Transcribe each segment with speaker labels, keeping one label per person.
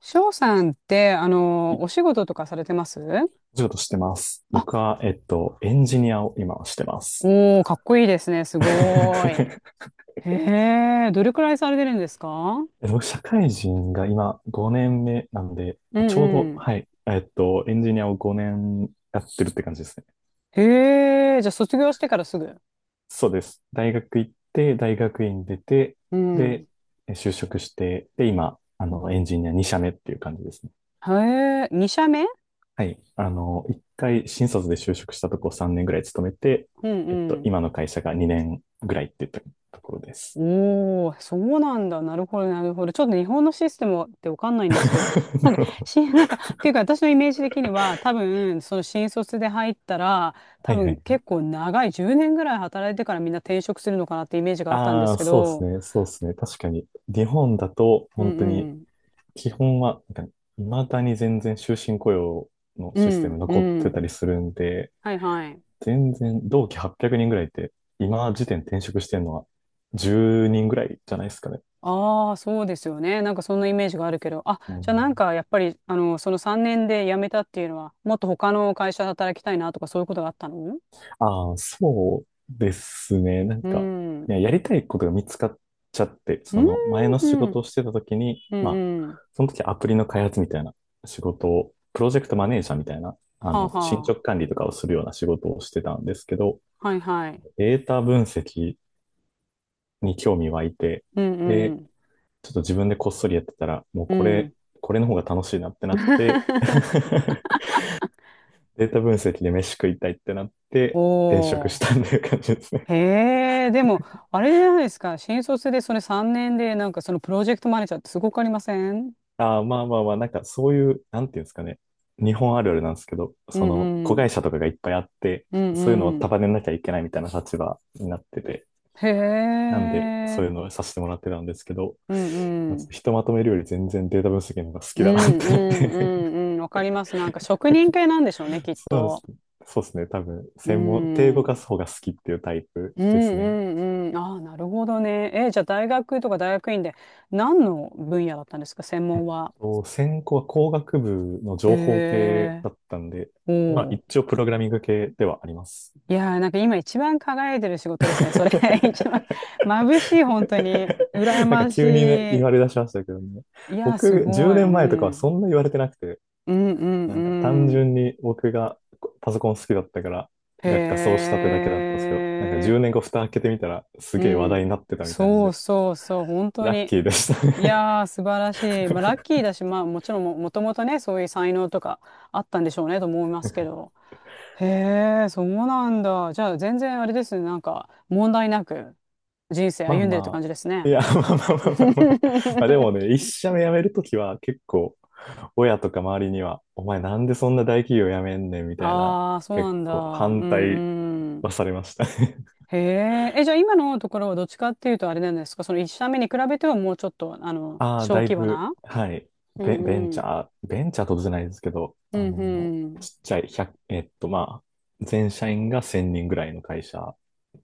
Speaker 1: 翔さんって、
Speaker 2: い
Speaker 1: お仕事とかされてます？
Speaker 2: お仕事してます。僕
Speaker 1: あ、
Speaker 2: は、エンジニアを今はしてます。
Speaker 1: おー、かっこいいですね。すごーい。へえ、どれくらいされてるんですか？
Speaker 2: 僕、社会人が今5年目なんで、
Speaker 1: う
Speaker 2: ちょう
Speaker 1: ん
Speaker 2: ど、
Speaker 1: うん。
Speaker 2: はい、エンジニアを5年やってるって感じですね。
Speaker 1: へえ、じゃあ卒業してからすぐ。
Speaker 2: そうです。大学行って、大学院出て、
Speaker 1: うん。
Speaker 2: で、就職して、で、今、エンジニア2社目っていう感じですね。
Speaker 1: へえ、2社目？
Speaker 2: はい。1回新卒で就職したとこ3年ぐらい勤めて、
Speaker 1: うんうん。
Speaker 2: 今の会社が2年ぐらいって言ったところです。
Speaker 1: おお、そうなんだ。なるほど、なるほど。ちょっと日本のシステムってわかんないんですけど、なん
Speaker 2: な
Speaker 1: か、
Speaker 2: るほ
Speaker 1: なんか、っていうか私のイメージ的には、多分、その新卒で入ったら、
Speaker 2: は
Speaker 1: 多
Speaker 2: いは
Speaker 1: 分
Speaker 2: い。
Speaker 1: 結構長い10年ぐらい働いてからみんな転職するのかなってイメージがあったんで
Speaker 2: あ
Speaker 1: す
Speaker 2: あ、
Speaker 1: け
Speaker 2: そうです
Speaker 1: ど、
Speaker 2: ね。そうですね。確かに。日本だと、
Speaker 1: う
Speaker 2: 本
Speaker 1: ん
Speaker 2: 当に、
Speaker 1: うん。
Speaker 2: 基本は、なんか、未だに全然終身雇用の
Speaker 1: う
Speaker 2: システム
Speaker 1: んう
Speaker 2: 残ってた
Speaker 1: ん。
Speaker 2: りするんで、
Speaker 1: はいはい。
Speaker 2: 全然、同期800人ぐらいって、今時点転職してるのは10人ぐらいじゃないですかね。
Speaker 1: ああ、そうですよね。なんかそんなイメージがあるけど、あ、
Speaker 2: う
Speaker 1: じゃあ
Speaker 2: ん。
Speaker 1: なんかやっぱり、その3年で辞めたっていうのは、もっと他の会社で働きたいなとかそういうことがあったの？
Speaker 2: ああ、そうですね。なん
Speaker 1: う
Speaker 2: か、い
Speaker 1: ん。
Speaker 2: や、やりたいことが見つかっちゃって、そ
Speaker 1: う
Speaker 2: の前の仕
Speaker 1: ん。
Speaker 2: 事をしてた時に、
Speaker 1: うん
Speaker 2: まあ、
Speaker 1: うん。
Speaker 2: その時アプリの開発みたいな仕事を、プロジェクトマネージャーみたいな、
Speaker 1: はあ
Speaker 2: 進
Speaker 1: は
Speaker 2: 捗管理とかをするような仕事をしてたんですけど、
Speaker 1: あ。はいはい。
Speaker 2: データ分析に興味湧いて、
Speaker 1: うんう
Speaker 2: で、
Speaker 1: ん。
Speaker 2: ちょっと自分でこっそりやってたら、もう
Speaker 1: う
Speaker 2: これ、
Speaker 1: ん。
Speaker 2: これの方が楽しいなってなって、データ分析で飯食いたいってなって、転職
Speaker 1: お
Speaker 2: し
Speaker 1: ー。
Speaker 2: たんていう感じですね。
Speaker 1: へえ、でも、あれじゃないですか。新卒でそれ3年で、なんかそのプロジェクトマネージャーってすごくありません？
Speaker 2: ああ、まあまあまあ、なんかそういう、なんていうんですかね。日本あるあるなんですけど、
Speaker 1: う
Speaker 2: その、
Speaker 1: んう
Speaker 2: 子
Speaker 1: ん。
Speaker 2: 会社とかがいっぱいあって、
Speaker 1: うん
Speaker 2: そういうのを
Speaker 1: うん。
Speaker 2: 束ねなきゃいけないみたいな立場になってて、
Speaker 1: へ
Speaker 2: なんで、そ
Speaker 1: え。
Speaker 2: ういうのをさせてもらってたんですけど、
Speaker 1: うん
Speaker 2: まあ、
Speaker 1: う
Speaker 2: ちょっと
Speaker 1: ん。
Speaker 2: ひとまとめるより全然データ分析の方が好
Speaker 1: う
Speaker 2: き
Speaker 1: んう
Speaker 2: だなってなっ
Speaker 1: んう
Speaker 2: て。
Speaker 1: んうん。わかります。なんか職人系なんでしょうね、き っ
Speaker 2: そうで
Speaker 1: と。
Speaker 2: すね。そうですね。多分、
Speaker 1: う
Speaker 2: 専門、手動か
Speaker 1: ん。
Speaker 2: す方が好きっていうタイプ
Speaker 1: うん
Speaker 2: ですね。
Speaker 1: うんうん。ああ、なるほどね。えじゃあ大学とか大学院で何の分野だったんですか、専門は。
Speaker 2: と専攻は工学部の
Speaker 1: へ
Speaker 2: 情報系
Speaker 1: え
Speaker 2: だったんで、
Speaker 1: お
Speaker 2: まあ
Speaker 1: お。
Speaker 2: 一応プログラミング系ではあります。
Speaker 1: いやー、なんか今一番輝いてる仕事ですね。それ 一番 眩しい、本当に。羨
Speaker 2: なんか
Speaker 1: まし
Speaker 2: 急にね、言
Speaker 1: い。
Speaker 2: われ出しましたけどね。
Speaker 1: いやー、す
Speaker 2: 僕、
Speaker 1: ご
Speaker 2: 10
Speaker 1: い。う
Speaker 2: 年前とかはそん
Speaker 1: ん。
Speaker 2: な言われてなくて、
Speaker 1: うん
Speaker 2: なんか単
Speaker 1: うん
Speaker 2: 純に僕がパソコン好きだったから、
Speaker 1: うん。へ
Speaker 2: 学科そうしたってだけだったんですけど、なんか10
Speaker 1: え。
Speaker 2: 年後蓋開けてみたら、す
Speaker 1: う
Speaker 2: げえ話題
Speaker 1: ん。
Speaker 2: になってたみたいなん
Speaker 1: そう
Speaker 2: で、
Speaker 1: そうそう、本当
Speaker 2: ラッ
Speaker 1: に。
Speaker 2: キーでした
Speaker 1: い
Speaker 2: ね。
Speaker 1: やー、素晴らしい。まあ、ラッキーだし、まあ、もちろんも、もともとね、そういう才能とかあったんでしょうね、と思いますけど。へえ、そうなんだ。じゃあ、全然あれですね、なんか、問題なく人生
Speaker 2: まあ
Speaker 1: 歩んでるって
Speaker 2: ま
Speaker 1: 感じですね。
Speaker 2: あ、いや、まあまあまあまあまあ。まあで もね、一社目辞めるときは結構、親とか周りには、お前なんでそんな大企業辞めんねんみたいな、
Speaker 1: ああ、そうな
Speaker 2: 結
Speaker 1: んだ。
Speaker 2: 構
Speaker 1: う
Speaker 2: 反
Speaker 1: ん
Speaker 2: 対
Speaker 1: う
Speaker 2: は
Speaker 1: ん。
Speaker 2: されましたね。
Speaker 1: へえ、え、じゃあ今のところはどっちかっていうとあれなんですか、その一社目に比べてはもうちょっと、
Speaker 2: ああ、
Speaker 1: 小
Speaker 2: だい
Speaker 1: 規模
Speaker 2: ぶ、
Speaker 1: な？
Speaker 2: はい。
Speaker 1: うん
Speaker 2: ベ、ベン
Speaker 1: う
Speaker 2: チ
Speaker 1: ん。
Speaker 2: ャー、ベンチャーとじゃないですけど、
Speaker 1: うんう
Speaker 2: ち
Speaker 1: ん。
Speaker 2: っちゃい、1、まあ、全社員が1000人ぐらいの会社。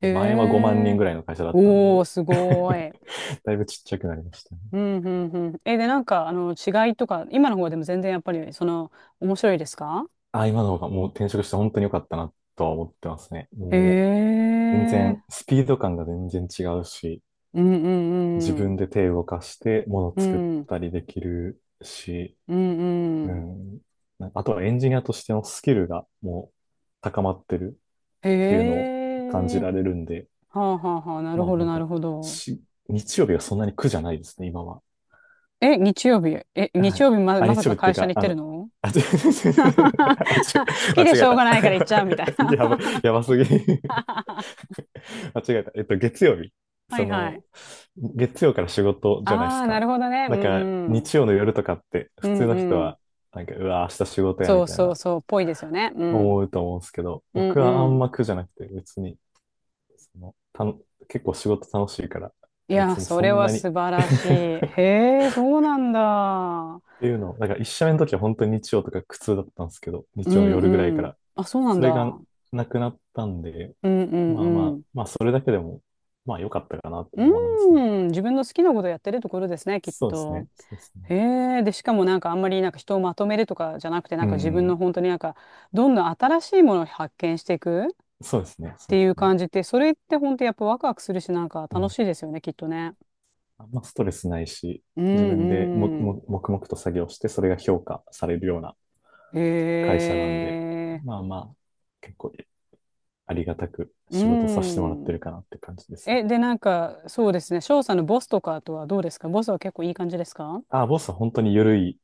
Speaker 1: え
Speaker 2: で前は5万人
Speaker 1: え
Speaker 2: ぐらいの会社だったんで、
Speaker 1: おー、すご ーい。
Speaker 2: だいぶちっちゃくなりましたね。
Speaker 1: うん、うん、うん。え、で、なんか、違いとか、今の方でも全然やっぱり、その、面白いですか？
Speaker 2: ああ、今の方がもう転職して本当に良かったなとは思ってますね。
Speaker 1: へ
Speaker 2: もう、全
Speaker 1: え、
Speaker 2: 然、スピード感が全然違うし、
Speaker 1: うん、う
Speaker 2: 自
Speaker 1: ん、う
Speaker 2: 分
Speaker 1: ん。
Speaker 2: で手を動かして物
Speaker 1: う
Speaker 2: 作っ
Speaker 1: ん、
Speaker 2: たりできるし、
Speaker 1: うん、う
Speaker 2: う
Speaker 1: ん。
Speaker 2: ん。なんかあとはエンジニアとしてのスキルがもう高まってるっていうのを
Speaker 1: へ
Speaker 2: 感
Speaker 1: え、
Speaker 2: じられるんで、
Speaker 1: はあ、はあ、はあ、なる
Speaker 2: まあ
Speaker 1: ほど、
Speaker 2: なん
Speaker 1: なる
Speaker 2: か
Speaker 1: ほど。
Speaker 2: し、日曜日がそんなに苦じゃないですね、今は。
Speaker 1: え、日曜日、
Speaker 2: はい。あ、
Speaker 1: まさ
Speaker 2: 日曜
Speaker 1: か
Speaker 2: 日ってい
Speaker 1: 会
Speaker 2: う
Speaker 1: 社に
Speaker 2: か、
Speaker 1: 行ってるの？
Speaker 2: あ、違 う、
Speaker 1: 好
Speaker 2: 間
Speaker 1: きで
Speaker 2: 違
Speaker 1: し
Speaker 2: え
Speaker 1: ょうが
Speaker 2: た。
Speaker 1: ないから行っちゃうみたい
Speaker 2: やば、
Speaker 1: な？
Speaker 2: やばすぎ。間違えた。月曜日。
Speaker 1: は
Speaker 2: そ
Speaker 1: いは
Speaker 2: の、
Speaker 1: い。
Speaker 2: 月曜から仕事
Speaker 1: あ
Speaker 2: じゃないです
Speaker 1: あ、な
Speaker 2: か。
Speaker 1: るほどね。う
Speaker 2: だか
Speaker 1: ん
Speaker 2: ら、
Speaker 1: うん。
Speaker 2: 日曜の夜とかって、
Speaker 1: う
Speaker 2: 普
Speaker 1: ん
Speaker 2: 通の人
Speaker 1: うん。
Speaker 2: は、なんか、うわ、明日仕事や、
Speaker 1: そ
Speaker 2: み
Speaker 1: う
Speaker 2: たい
Speaker 1: そう
Speaker 2: な、
Speaker 1: そう、ぽいですよね。う
Speaker 2: 思
Speaker 1: ん。
Speaker 2: うと思うんですけど、
Speaker 1: うん
Speaker 2: 僕は
Speaker 1: う
Speaker 2: あん
Speaker 1: ん。
Speaker 2: ま苦じゃなくて、別に、その、たの、結構仕事楽しいから、
Speaker 1: いや、
Speaker 2: 別に
Speaker 1: そ
Speaker 2: そ
Speaker 1: れ
Speaker 2: ん
Speaker 1: は
Speaker 2: なに
Speaker 1: 素晴らしい。へえ、そうなんだ。
Speaker 2: っていうのを、だから一社目の時は本当に日曜とか苦痛だったんですけど、
Speaker 1: う
Speaker 2: 日曜の
Speaker 1: ん
Speaker 2: 夜ぐらいか
Speaker 1: うん。
Speaker 2: ら。
Speaker 1: あ、そうなん
Speaker 2: それが
Speaker 1: だ。
Speaker 2: なくなったんで、
Speaker 1: うんう
Speaker 2: まあま
Speaker 1: んう
Speaker 2: あ、
Speaker 1: ん。
Speaker 2: まあそれだけでも、まあ良かったかなと
Speaker 1: う
Speaker 2: 思いますね。
Speaker 1: ん、自分の好きなことやってるところですね、きっ
Speaker 2: そうです
Speaker 1: と。
Speaker 2: ね。そうですね。
Speaker 1: へえ、で、しかもなんかあんまりなんか人をまとめるとかじゃなくて、な
Speaker 2: う
Speaker 1: んか自分の
Speaker 2: ん。
Speaker 1: 本当になんか、どんどん新しいものを発見していくっ
Speaker 2: そうですね。そう
Speaker 1: て
Speaker 2: で
Speaker 1: い
Speaker 2: す
Speaker 1: う
Speaker 2: ね。
Speaker 1: 感じって、それって本当やっぱワクワクするし、なんか
Speaker 2: う
Speaker 1: 楽
Speaker 2: ん。
Speaker 1: しいですよね、きっとね。
Speaker 2: あんまストレスないし、
Speaker 1: う
Speaker 2: 自分でも、
Speaker 1: んうん。
Speaker 2: も、黙々と作業して、それが評価されるような会
Speaker 1: へ
Speaker 2: 社なんで、
Speaker 1: え。
Speaker 2: まあまあ、結構ありがたく
Speaker 1: う
Speaker 2: 仕事させてもらって
Speaker 1: ん。
Speaker 2: るかなって感じですね。
Speaker 1: え、で、なんか、そうですね。翔さんのボスとかとはどうですか？ボスは結構いい感じですか？
Speaker 2: ああ、ボスは本当に緩い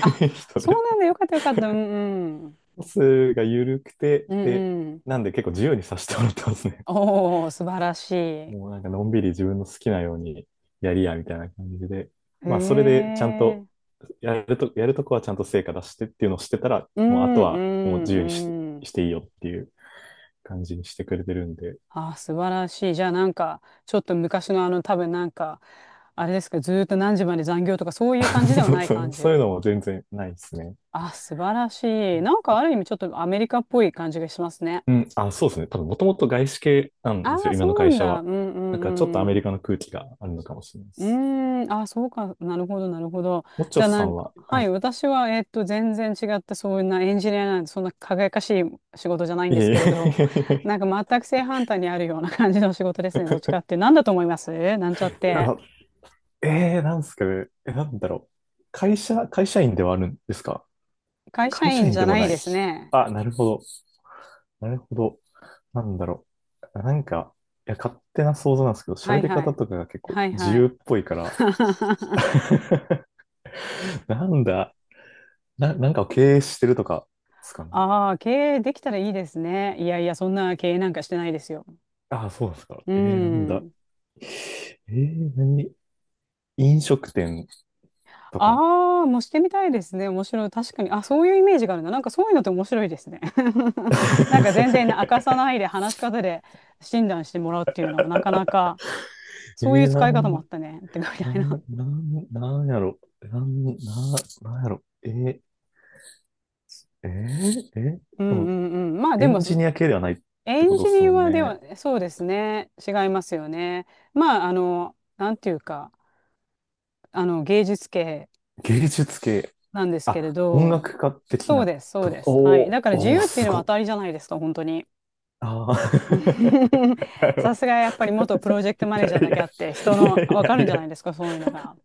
Speaker 1: あ、
Speaker 2: 人
Speaker 1: そう
Speaker 2: で
Speaker 1: なんだ。よかったよかった。うんうん。
Speaker 2: トスが緩くて、
Speaker 1: うん
Speaker 2: で、
Speaker 1: うん。
Speaker 2: なんで結構自由にさせてもらってますね。
Speaker 1: おー、素晴らしい。へ
Speaker 2: もうなんかのんびり自分の好きなようにやりや、みたいな感じで。まあ、それでちゃん
Speaker 1: え。
Speaker 2: と、やるとこはちゃんと成果出してっていうのをしてたら、
Speaker 1: う
Speaker 2: もうあ
Speaker 1: ん
Speaker 2: と
Speaker 1: う
Speaker 2: はもう自由に
Speaker 1: んうん。
Speaker 2: していいよっていう感じにしてくれてるんで。
Speaker 1: あ、素晴らしい。じゃあなんか、ちょっと昔の多分なんか、あれですか、ずーっと何時まで残業とかそういう感じで は
Speaker 2: そう
Speaker 1: ない
Speaker 2: そ
Speaker 1: 感
Speaker 2: う
Speaker 1: じ。
Speaker 2: そういうのも全然ないですね。
Speaker 1: あ、素晴らしい。なんかある意味ちょっとアメリカっぽい感じがしますね。
Speaker 2: うん。あ、そうですね。多分もともと外資系なん
Speaker 1: あ
Speaker 2: ですよ、
Speaker 1: あ、
Speaker 2: 今
Speaker 1: そ
Speaker 2: の
Speaker 1: うな
Speaker 2: 会
Speaker 1: ん
Speaker 2: 社
Speaker 1: だ。う
Speaker 2: は。
Speaker 1: んう
Speaker 2: なんかちょっとアメ
Speaker 1: んう
Speaker 2: リ
Speaker 1: ん。
Speaker 2: カの空気があるのかもしれないで
Speaker 1: う
Speaker 2: す。
Speaker 1: ーん、あ、そうか、なるほど、なるほど。
Speaker 2: もっち
Speaker 1: じ
Speaker 2: ょ
Speaker 1: ゃあ、
Speaker 2: さ
Speaker 1: なん
Speaker 2: ん
Speaker 1: か、
Speaker 2: は、は
Speaker 1: は
Speaker 2: い。
Speaker 1: い、私は、全然違って、そんなエンジニアなんて、そんな輝かしい仕事じゃないん
Speaker 2: い
Speaker 1: です
Speaker 2: えいえ
Speaker 1: けれど、
Speaker 2: いえ
Speaker 1: な
Speaker 2: い。
Speaker 1: んか全く正反対にあるような感じの仕事ですね、どっちかって。なんだと思います？なんちゃっ
Speaker 2: う
Speaker 1: て。
Speaker 2: わ。なんすかね。なんだろう。会社員ではあるんですか？
Speaker 1: 会社
Speaker 2: 会社
Speaker 1: 員
Speaker 2: 員
Speaker 1: じゃ
Speaker 2: でも
Speaker 1: ない
Speaker 2: ない。
Speaker 1: ですね。
Speaker 2: あ、なるほど。なるほど。なんだろう。なんか、いや、勝手な想像なんですけど、
Speaker 1: は
Speaker 2: 喋
Speaker 1: い
Speaker 2: り
Speaker 1: は
Speaker 2: 方
Speaker 1: い。
Speaker 2: とかが結構
Speaker 1: はい
Speaker 2: 自
Speaker 1: は
Speaker 2: 由
Speaker 1: い。
Speaker 2: っぽいから、なんだ、なんかを経営してるとかですかね。
Speaker 1: ああ、経営できたらいいですね。いやいや、そんな経営なんかしてないですよ。
Speaker 2: ああ、そうなんですか？
Speaker 1: う
Speaker 2: なんだ。
Speaker 1: ん。
Speaker 2: 何、飲食店とか。
Speaker 1: ああ、もうしてみたいですね。面白い。確かに。あ、そういうイメージがあるな。なんかそういうのって面白いですね。なんか全然明かさ ないで話し方で診断してもらうっていうのもなかなか、
Speaker 2: え
Speaker 1: そういう
Speaker 2: ー、な
Speaker 1: 使い方
Speaker 2: ん、
Speaker 1: もあったね。ってみた
Speaker 2: な
Speaker 1: いな。
Speaker 2: ん、ななんやろ。なんやろ。えー、えー
Speaker 1: う
Speaker 2: で
Speaker 1: んう
Speaker 2: も、
Speaker 1: んうん。まあ
Speaker 2: エ
Speaker 1: でも、
Speaker 2: ンジ
Speaker 1: そ
Speaker 2: ニア系ではないっ
Speaker 1: エ
Speaker 2: てこ
Speaker 1: ン
Speaker 2: と
Speaker 1: ジ
Speaker 2: です
Speaker 1: ニ
Speaker 2: もん
Speaker 1: アで
Speaker 2: ね。
Speaker 1: は、そうですね。違いますよね。まあ、なんていうか、芸術系
Speaker 2: 芸術系。
Speaker 1: なんですけれ
Speaker 2: あ、音
Speaker 1: ど、
Speaker 2: 楽家的
Speaker 1: そう
Speaker 2: な
Speaker 1: です、そ
Speaker 2: と
Speaker 1: うです。はい。
Speaker 2: こ。
Speaker 1: だから
Speaker 2: お
Speaker 1: 自
Speaker 2: ー、おー、
Speaker 1: 由ってい
Speaker 2: す
Speaker 1: うの
Speaker 2: ご
Speaker 1: は
Speaker 2: っ。
Speaker 1: 当たりじゃないですか、本当に。
Speaker 2: あ
Speaker 1: うん
Speaker 2: ー。 なるほ
Speaker 1: さすが
Speaker 2: ど。
Speaker 1: やっぱり元プロジェクト
Speaker 2: い
Speaker 1: マネージャー
Speaker 2: やい
Speaker 1: だけあ
Speaker 2: や、
Speaker 1: って人
Speaker 2: いや
Speaker 1: のわか
Speaker 2: い
Speaker 1: る
Speaker 2: や
Speaker 1: ん
Speaker 2: い
Speaker 1: じゃ
Speaker 2: や。
Speaker 1: ないですか？そういうのが。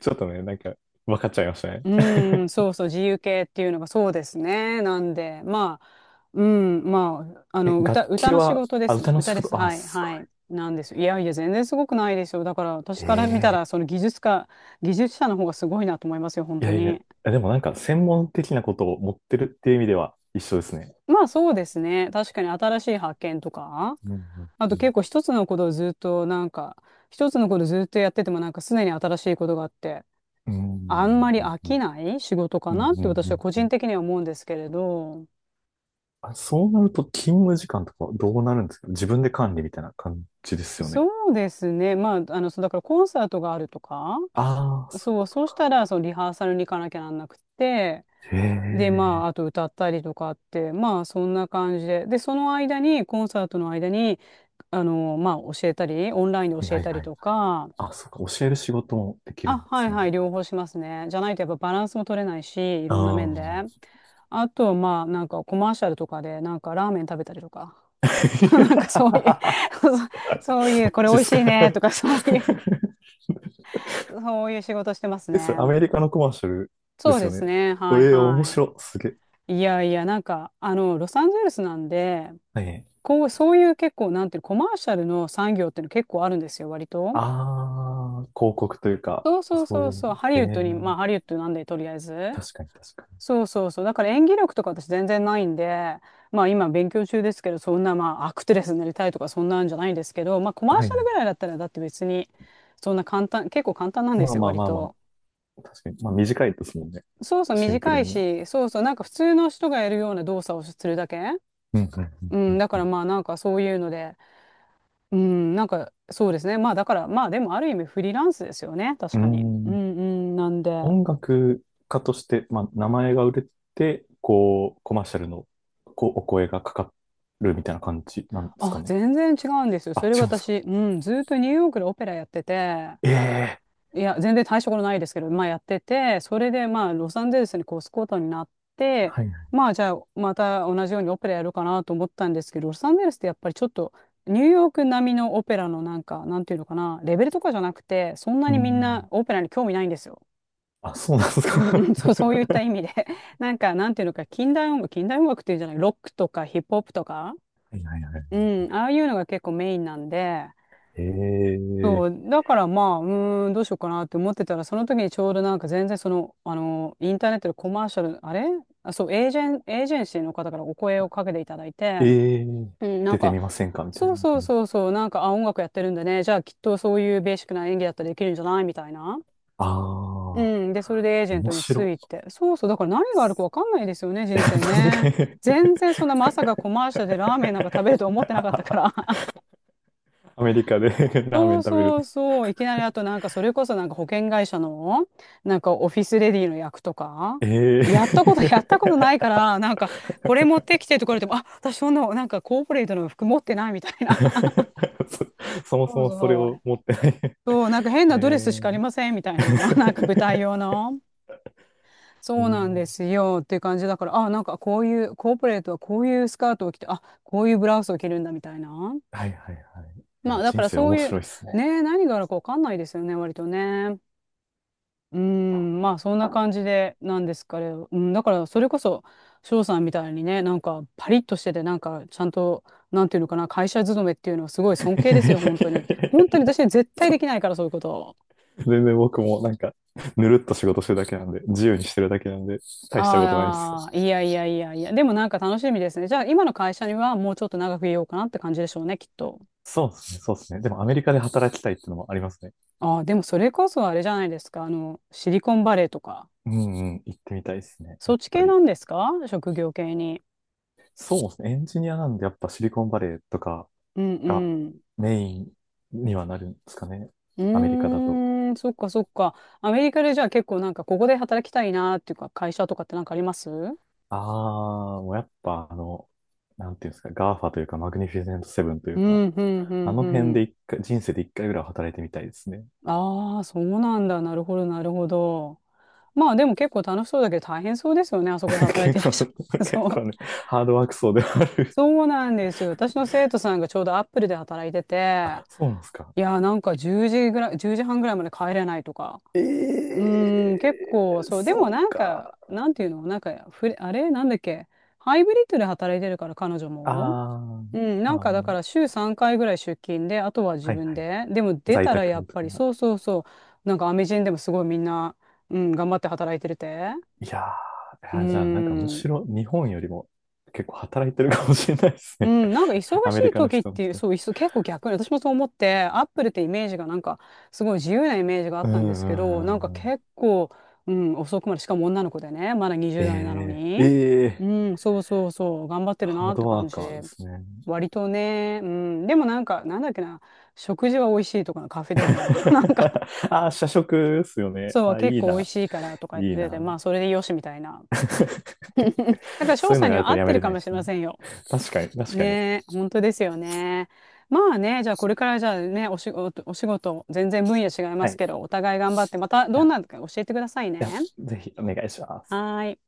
Speaker 2: ちょっとね、なんか、分かっちゃいましたね。
Speaker 1: うんそうそう自由形っていうのがそうですね。なんでまあうんまああ
Speaker 2: え、
Speaker 1: の
Speaker 2: 楽
Speaker 1: 歌
Speaker 2: 器
Speaker 1: の仕
Speaker 2: は、
Speaker 1: 事で
Speaker 2: あ、
Speaker 1: すね。
Speaker 2: 歌の
Speaker 1: 歌
Speaker 2: 仕
Speaker 1: です
Speaker 2: 事、あ、
Speaker 1: はい
Speaker 2: すごい。
Speaker 1: はいなんですよ。いやいや全然すごくないですよ。だから私から見た
Speaker 2: ええ。
Speaker 1: らその技術者の方がすごいなと思いますよ本
Speaker 2: い
Speaker 1: 当
Speaker 2: やいや、
Speaker 1: に。
Speaker 2: でもなんか、専門的なことを持ってるっていう意味では一緒ですね。
Speaker 1: まあそうですね。確かに新しい発見とか。
Speaker 2: うんうんうん
Speaker 1: あと結構一つのことをずっとやっててもなんか常に新しいことがあって、
Speaker 2: う
Speaker 1: あ
Speaker 2: ん。
Speaker 1: んまり
Speaker 2: う
Speaker 1: 飽
Speaker 2: ん。
Speaker 1: きない仕事か
Speaker 2: うんうん
Speaker 1: なっ
Speaker 2: うん
Speaker 1: て
Speaker 2: う
Speaker 1: 私は
Speaker 2: ん
Speaker 1: 個
Speaker 2: う
Speaker 1: 人
Speaker 2: ん。
Speaker 1: 的には思うんですけれど、
Speaker 2: あ、そうなると勤務時間とかどうなるんですか？自分で管理みたいな感じですよね。
Speaker 1: そうですね。まあ、そうだからコンサートがあるとか、
Speaker 2: ああ、そういう
Speaker 1: そう、
Speaker 2: こと
Speaker 1: そうした
Speaker 2: か。
Speaker 1: らそのリハーサルに行かなきゃなんなくて、
Speaker 2: へ
Speaker 1: で、
Speaker 2: え。
Speaker 1: まあ、あと歌ったりとかって、まあ、そんな感じで。で、その間に、コンサートの間に、まあ、教えたり、オンラインで
Speaker 2: はい
Speaker 1: 教え
Speaker 2: はい
Speaker 1: たり
Speaker 2: はい。
Speaker 1: とか、
Speaker 2: あ、そうか。教える仕事もできる
Speaker 1: あ、
Speaker 2: んで
Speaker 1: は
Speaker 2: す
Speaker 1: い
Speaker 2: ね。
Speaker 1: はい、両方しますね。じゃないとやっぱバランスも取れないし、い
Speaker 2: あ
Speaker 1: ろんな面で。
Speaker 2: あ。
Speaker 1: あと、まあ、なんかコマーシャルとかで、なんかラーメン食べたりとか、なんかそういう そうそうい
Speaker 2: マ
Speaker 1: う、これ美
Speaker 2: ジっ
Speaker 1: 味
Speaker 2: す
Speaker 1: し
Speaker 2: か？
Speaker 1: いねとか、そういう、そういう仕事してます
Speaker 2: え、
Speaker 1: ね。
Speaker 2: それアメリカのコマーシャルで
Speaker 1: そう
Speaker 2: す
Speaker 1: で
Speaker 2: よ
Speaker 1: す
Speaker 2: ね。
Speaker 1: ね、
Speaker 2: え
Speaker 1: はい
Speaker 2: え、面
Speaker 1: は
Speaker 2: 白い。すげえ。
Speaker 1: い。いやいや、なんか、ロサンゼルスなんで、
Speaker 2: はい。
Speaker 1: こう、そういう結構、なんていうのコマーシャルの産業っていうの結構あるんですよ、割と。
Speaker 2: ああ、広告というか、
Speaker 1: そうそう
Speaker 2: そう
Speaker 1: そ
Speaker 2: い
Speaker 1: う
Speaker 2: うの
Speaker 1: そう、
Speaker 2: が。
Speaker 1: ハリ
Speaker 2: へ
Speaker 1: ウッド
Speaker 2: え。
Speaker 1: に、まあ、ハリウッドなんで、とりあえず。
Speaker 2: 確かに確かに。
Speaker 1: そうそうそう。だから演技力とか私全然ないんで、まあ今勉強中ですけど、そんなまあアクテレスになりたいとかそんなんじゃないんですけど、まあコマー
Speaker 2: は
Speaker 1: シ
Speaker 2: い
Speaker 1: ャル
Speaker 2: は
Speaker 1: ぐ
Speaker 2: い。
Speaker 1: らいだったらだって別にそんな簡単、結構簡単なんで
Speaker 2: ま
Speaker 1: す
Speaker 2: あ
Speaker 1: よ、
Speaker 2: まあ
Speaker 1: 割
Speaker 2: まあま
Speaker 1: と。
Speaker 2: あ。確かに。まあ短いですもんね。
Speaker 1: そうそう、
Speaker 2: シンプル
Speaker 1: 短い
Speaker 2: に。
Speaker 1: し、そうそう、なんか普通の人がやるような動作をするだけ。
Speaker 2: うんう
Speaker 1: うん、
Speaker 2: ん
Speaker 1: だか
Speaker 2: う
Speaker 1: ら
Speaker 2: ん
Speaker 1: まあなんかそういうので、うん、なんかそうですね。まあだからまあでもある意味フリーランスですよね、確
Speaker 2: う
Speaker 1: かに。
Speaker 2: ん。う
Speaker 1: う
Speaker 2: ーん。
Speaker 1: んうん、なんで。
Speaker 2: 音楽家として、まあ名前が売れて、こう、コマーシャルのこうお声がかかるみたいな感じなんですか
Speaker 1: あ、
Speaker 2: ね。
Speaker 1: 全然違うんですよ。そ
Speaker 2: あ、
Speaker 1: れが
Speaker 2: 違うんですか？
Speaker 1: 私、うん、ずっとニューヨークでオペラやってて、
Speaker 2: ええ
Speaker 1: いや、全然大したことないですけど、まあやってて、それでまあロサンゼルスに越すことになっ
Speaker 2: ー。
Speaker 1: て、
Speaker 2: はいはい。
Speaker 1: まあじゃあまた同じようにオペラやるかなと思ったんですけど、ロサンゼルスってやっぱりちょっとニューヨーク並みのオペラのなんか、なんていうのかな、レベルとかじゃなくて、そんな
Speaker 2: うー
Speaker 1: にみんな
Speaker 2: ん。
Speaker 1: オペラに興味ないんですよ。
Speaker 2: あ、そうなんです
Speaker 1: うんうん、
Speaker 2: か？
Speaker 1: そう、そういった意味で。なんか、なんていうのか、近代音楽、近代音楽っていうんじゃない、ロックとかヒップホップとか、
Speaker 2: はいはいはい。
Speaker 1: うん、ああいうのが結構メインなんで、
Speaker 2: ええ
Speaker 1: そ
Speaker 2: ー。
Speaker 1: う、だからまあ、うーん、どうしようかなって思ってたら、その時にちょうどなんか全然その、あの、インターネットでコマーシャル、あれあ、そう、エージェンシーの方からお声をかけていただいて、
Speaker 2: ええー。
Speaker 1: うん、なん
Speaker 2: 出て
Speaker 1: か、
Speaker 2: みませんかみた
Speaker 1: そ
Speaker 2: い
Speaker 1: う
Speaker 2: な
Speaker 1: そう
Speaker 2: 感じです。
Speaker 1: そうそう、なんか、あ、音楽やってるんでね、じゃあきっとそういうベーシックな演技だったらできるんじゃないみたいな。う
Speaker 2: ああ、
Speaker 1: ん、で、それでエージェン
Speaker 2: 面
Speaker 1: トにつ
Speaker 2: 白
Speaker 1: いて。そうそう、だから何があるかわかんないですよね、
Speaker 2: い。
Speaker 1: 人生
Speaker 2: 確
Speaker 1: ね。
Speaker 2: かに。
Speaker 1: 全 然そんなまさかコマーシャルでラーメンなんか食べると思ってなかったか
Speaker 2: あ、
Speaker 1: ら。
Speaker 2: アメリカで ラーメ
Speaker 1: そ
Speaker 2: ン
Speaker 1: う
Speaker 2: 食べる。
Speaker 1: そうそう。いきなりあとなんかそれこそなんか保険会社のなんかオフィスレディの役とか、
Speaker 2: ええ
Speaker 1: やったこと
Speaker 2: ー。
Speaker 1: ないから、なんかこれ持ってきてとか言われても、あ、私そんな、なんかコーポレートの服持ってないみたいな。
Speaker 2: そ、そ もそ
Speaker 1: そう
Speaker 2: もそれ
Speaker 1: そ
Speaker 2: を
Speaker 1: う。
Speaker 2: 持ってない。
Speaker 1: そう、なんか変 なドレス
Speaker 2: え
Speaker 1: しかありませんみたいな。なんか舞台
Speaker 2: ー。
Speaker 1: 用の。
Speaker 2: う
Speaker 1: そうなん
Speaker 2: ん。
Speaker 1: ですよっていう感じだから、あ、なんかこういう、コーポレートはこういうスカートを着て、あ、こういうブラウスを着るんだみたいな。
Speaker 2: はいはいはい。い
Speaker 1: ま
Speaker 2: や、
Speaker 1: あだか
Speaker 2: 人
Speaker 1: ら
Speaker 2: 生
Speaker 1: そう
Speaker 2: 面
Speaker 1: い
Speaker 2: 白い
Speaker 1: う、
Speaker 2: っすね。
Speaker 1: ね、何があるかわかんないですよね、割とね。うーん、まあそんな感じでなんですかね。うん、だからそれこそ翔さんみたいにね、なんかパリッとしてて、なんかちゃんと、なんていうのかな、会社勤めっていうのはすごい尊敬
Speaker 2: いや
Speaker 1: です
Speaker 2: いやい
Speaker 1: よ、本
Speaker 2: や
Speaker 1: 当に。
Speaker 2: いやいや
Speaker 1: 本当に
Speaker 2: いや、
Speaker 1: 私は絶対
Speaker 2: そ
Speaker 1: で
Speaker 2: う。
Speaker 1: きないから、そういうこと。
Speaker 2: 全然僕もなんか、ぬるっと仕事してるだけなんで、自由にしてるだけなんで、大したことないです。
Speaker 1: ああ、いやいやいやいや、でもなんか楽しみですね。じゃあ今の会社にはもうちょっと長くいようかなって感じでしょうね、きっと。
Speaker 2: そうですね、そうですね。でもアメリカで働きたいってのもありますね。
Speaker 1: ああ、でもそれこそあれじゃないですか、あの、シリコンバレーとか、
Speaker 2: うんうん、行ってみたいですね、
Speaker 1: そ
Speaker 2: や
Speaker 1: っ
Speaker 2: っ
Speaker 1: ち
Speaker 2: ぱ
Speaker 1: 系な
Speaker 2: り。
Speaker 1: んですか職業系に。
Speaker 2: そうですね、エンジニアなんでやっぱシリコンバレーとか、
Speaker 1: うん
Speaker 2: が
Speaker 1: うん。
Speaker 2: メインにはなるんですかね。
Speaker 1: う
Speaker 2: アメリカだと。
Speaker 1: ーん、そっかそっか。アメリカでじゃあ結構なんかここで働きたいなーっていうか会社とかってなんかありますうん
Speaker 2: ああ、もうやっぱなんていうんですか、ガーファというか、マグニフィセントセブンとい
Speaker 1: う
Speaker 2: うか、
Speaker 1: んうん
Speaker 2: あの
Speaker 1: う
Speaker 2: 辺で
Speaker 1: ん。
Speaker 2: 一回、人生で一回ぐらいは働いてみたいですね。
Speaker 1: ああ、そうなんだ。なるほどなるほど。まあでも結構楽しそうだけど大変そうですよね。あそこで 働いてい
Speaker 2: 結
Speaker 1: らっ
Speaker 2: 構、
Speaker 1: しゃる。
Speaker 2: 結
Speaker 1: そう。
Speaker 2: 構ね、ハードワーク層ではある。
Speaker 1: そうなんですよ。私の生徒さんがちょうどアップルで働いてて、
Speaker 2: あ、そうなんですか？
Speaker 1: いやーなんか10時ぐらい、10時半ぐらいまで帰れないとか。
Speaker 2: え
Speaker 1: うーん、結
Speaker 2: え
Speaker 1: 構、
Speaker 2: ー、
Speaker 1: そう、でも
Speaker 2: そう
Speaker 1: なんか、
Speaker 2: か。
Speaker 1: なんていうの、なんか、あれ、なんだっけ、ハイブリッドで働いてるから、彼女
Speaker 2: あ
Speaker 1: も。
Speaker 2: あ、
Speaker 1: うん、なん
Speaker 2: まあ
Speaker 1: か
Speaker 2: ま
Speaker 1: だから
Speaker 2: あ、
Speaker 1: 週3回ぐらい出勤で、あとは自
Speaker 2: はいは
Speaker 1: 分
Speaker 2: い。
Speaker 1: で。でも出
Speaker 2: 在
Speaker 1: たらやっ
Speaker 2: 宅と
Speaker 1: ぱり、
Speaker 2: か、
Speaker 1: そうそうそう、なんかアメ人でもすごいみんな、うん、頑張って働いてるって。
Speaker 2: いやー、
Speaker 1: う
Speaker 2: い
Speaker 1: ー
Speaker 2: やじゃあなんかむ
Speaker 1: ん。
Speaker 2: しろ日本よりも結構働いてるかもしれないです
Speaker 1: う
Speaker 2: ね。
Speaker 1: ん、なんか忙
Speaker 2: ア
Speaker 1: し
Speaker 2: メリ
Speaker 1: い
Speaker 2: カの
Speaker 1: 時っ
Speaker 2: 人の
Speaker 1: ていう、
Speaker 2: 人。
Speaker 1: そう、結構逆に、私もそう思って、アップルってイメージがなんか、すごい自由なイメージがあっ
Speaker 2: うん
Speaker 1: たんで
Speaker 2: う
Speaker 1: すけど、なん
Speaker 2: んう
Speaker 1: か
Speaker 2: んうん。
Speaker 1: 結構、うん、遅くまで、しかも女の子でね、まだ20代なの
Speaker 2: ええ
Speaker 1: に、
Speaker 2: え
Speaker 1: う
Speaker 2: ー
Speaker 1: ん、そうそうそう、頑張ってる
Speaker 2: ハー
Speaker 1: なっ
Speaker 2: ド
Speaker 1: て
Speaker 2: ワ
Speaker 1: 感
Speaker 2: ー
Speaker 1: じ。
Speaker 2: カーですね。
Speaker 1: 割とね、うん、でもなんか、なんだっけな、食事は美味しいとかのカフェテリアの、なんか、
Speaker 2: あー、社食ですよね。
Speaker 1: そう、
Speaker 2: あ、
Speaker 1: 結
Speaker 2: いい
Speaker 1: 構美
Speaker 2: な、
Speaker 1: 味しいからとか言っ
Speaker 2: いい
Speaker 1: てて、
Speaker 2: な。
Speaker 1: まあ、それでよしみたいな。だから、翔
Speaker 2: そういう
Speaker 1: さ
Speaker 2: の
Speaker 1: ん
Speaker 2: が
Speaker 1: に
Speaker 2: ある
Speaker 1: は
Speaker 2: と
Speaker 1: 合っ
Speaker 2: や
Speaker 1: て
Speaker 2: め
Speaker 1: る
Speaker 2: れ
Speaker 1: か
Speaker 2: ないで
Speaker 1: もしれ
Speaker 2: すね。
Speaker 1: ませんよ。
Speaker 2: 確かに、確かに。
Speaker 1: ねえ、本当ですよね。まあね、じゃあこれからじゃあね、お仕事、お仕事、全然分野違いま
Speaker 2: は
Speaker 1: す
Speaker 2: い。
Speaker 1: けど、お互い頑張って、また
Speaker 2: あ、
Speaker 1: どん
Speaker 2: い
Speaker 1: なのか教えてください
Speaker 2: や、
Speaker 1: ね。
Speaker 2: ぜひお願いします。
Speaker 1: はーい。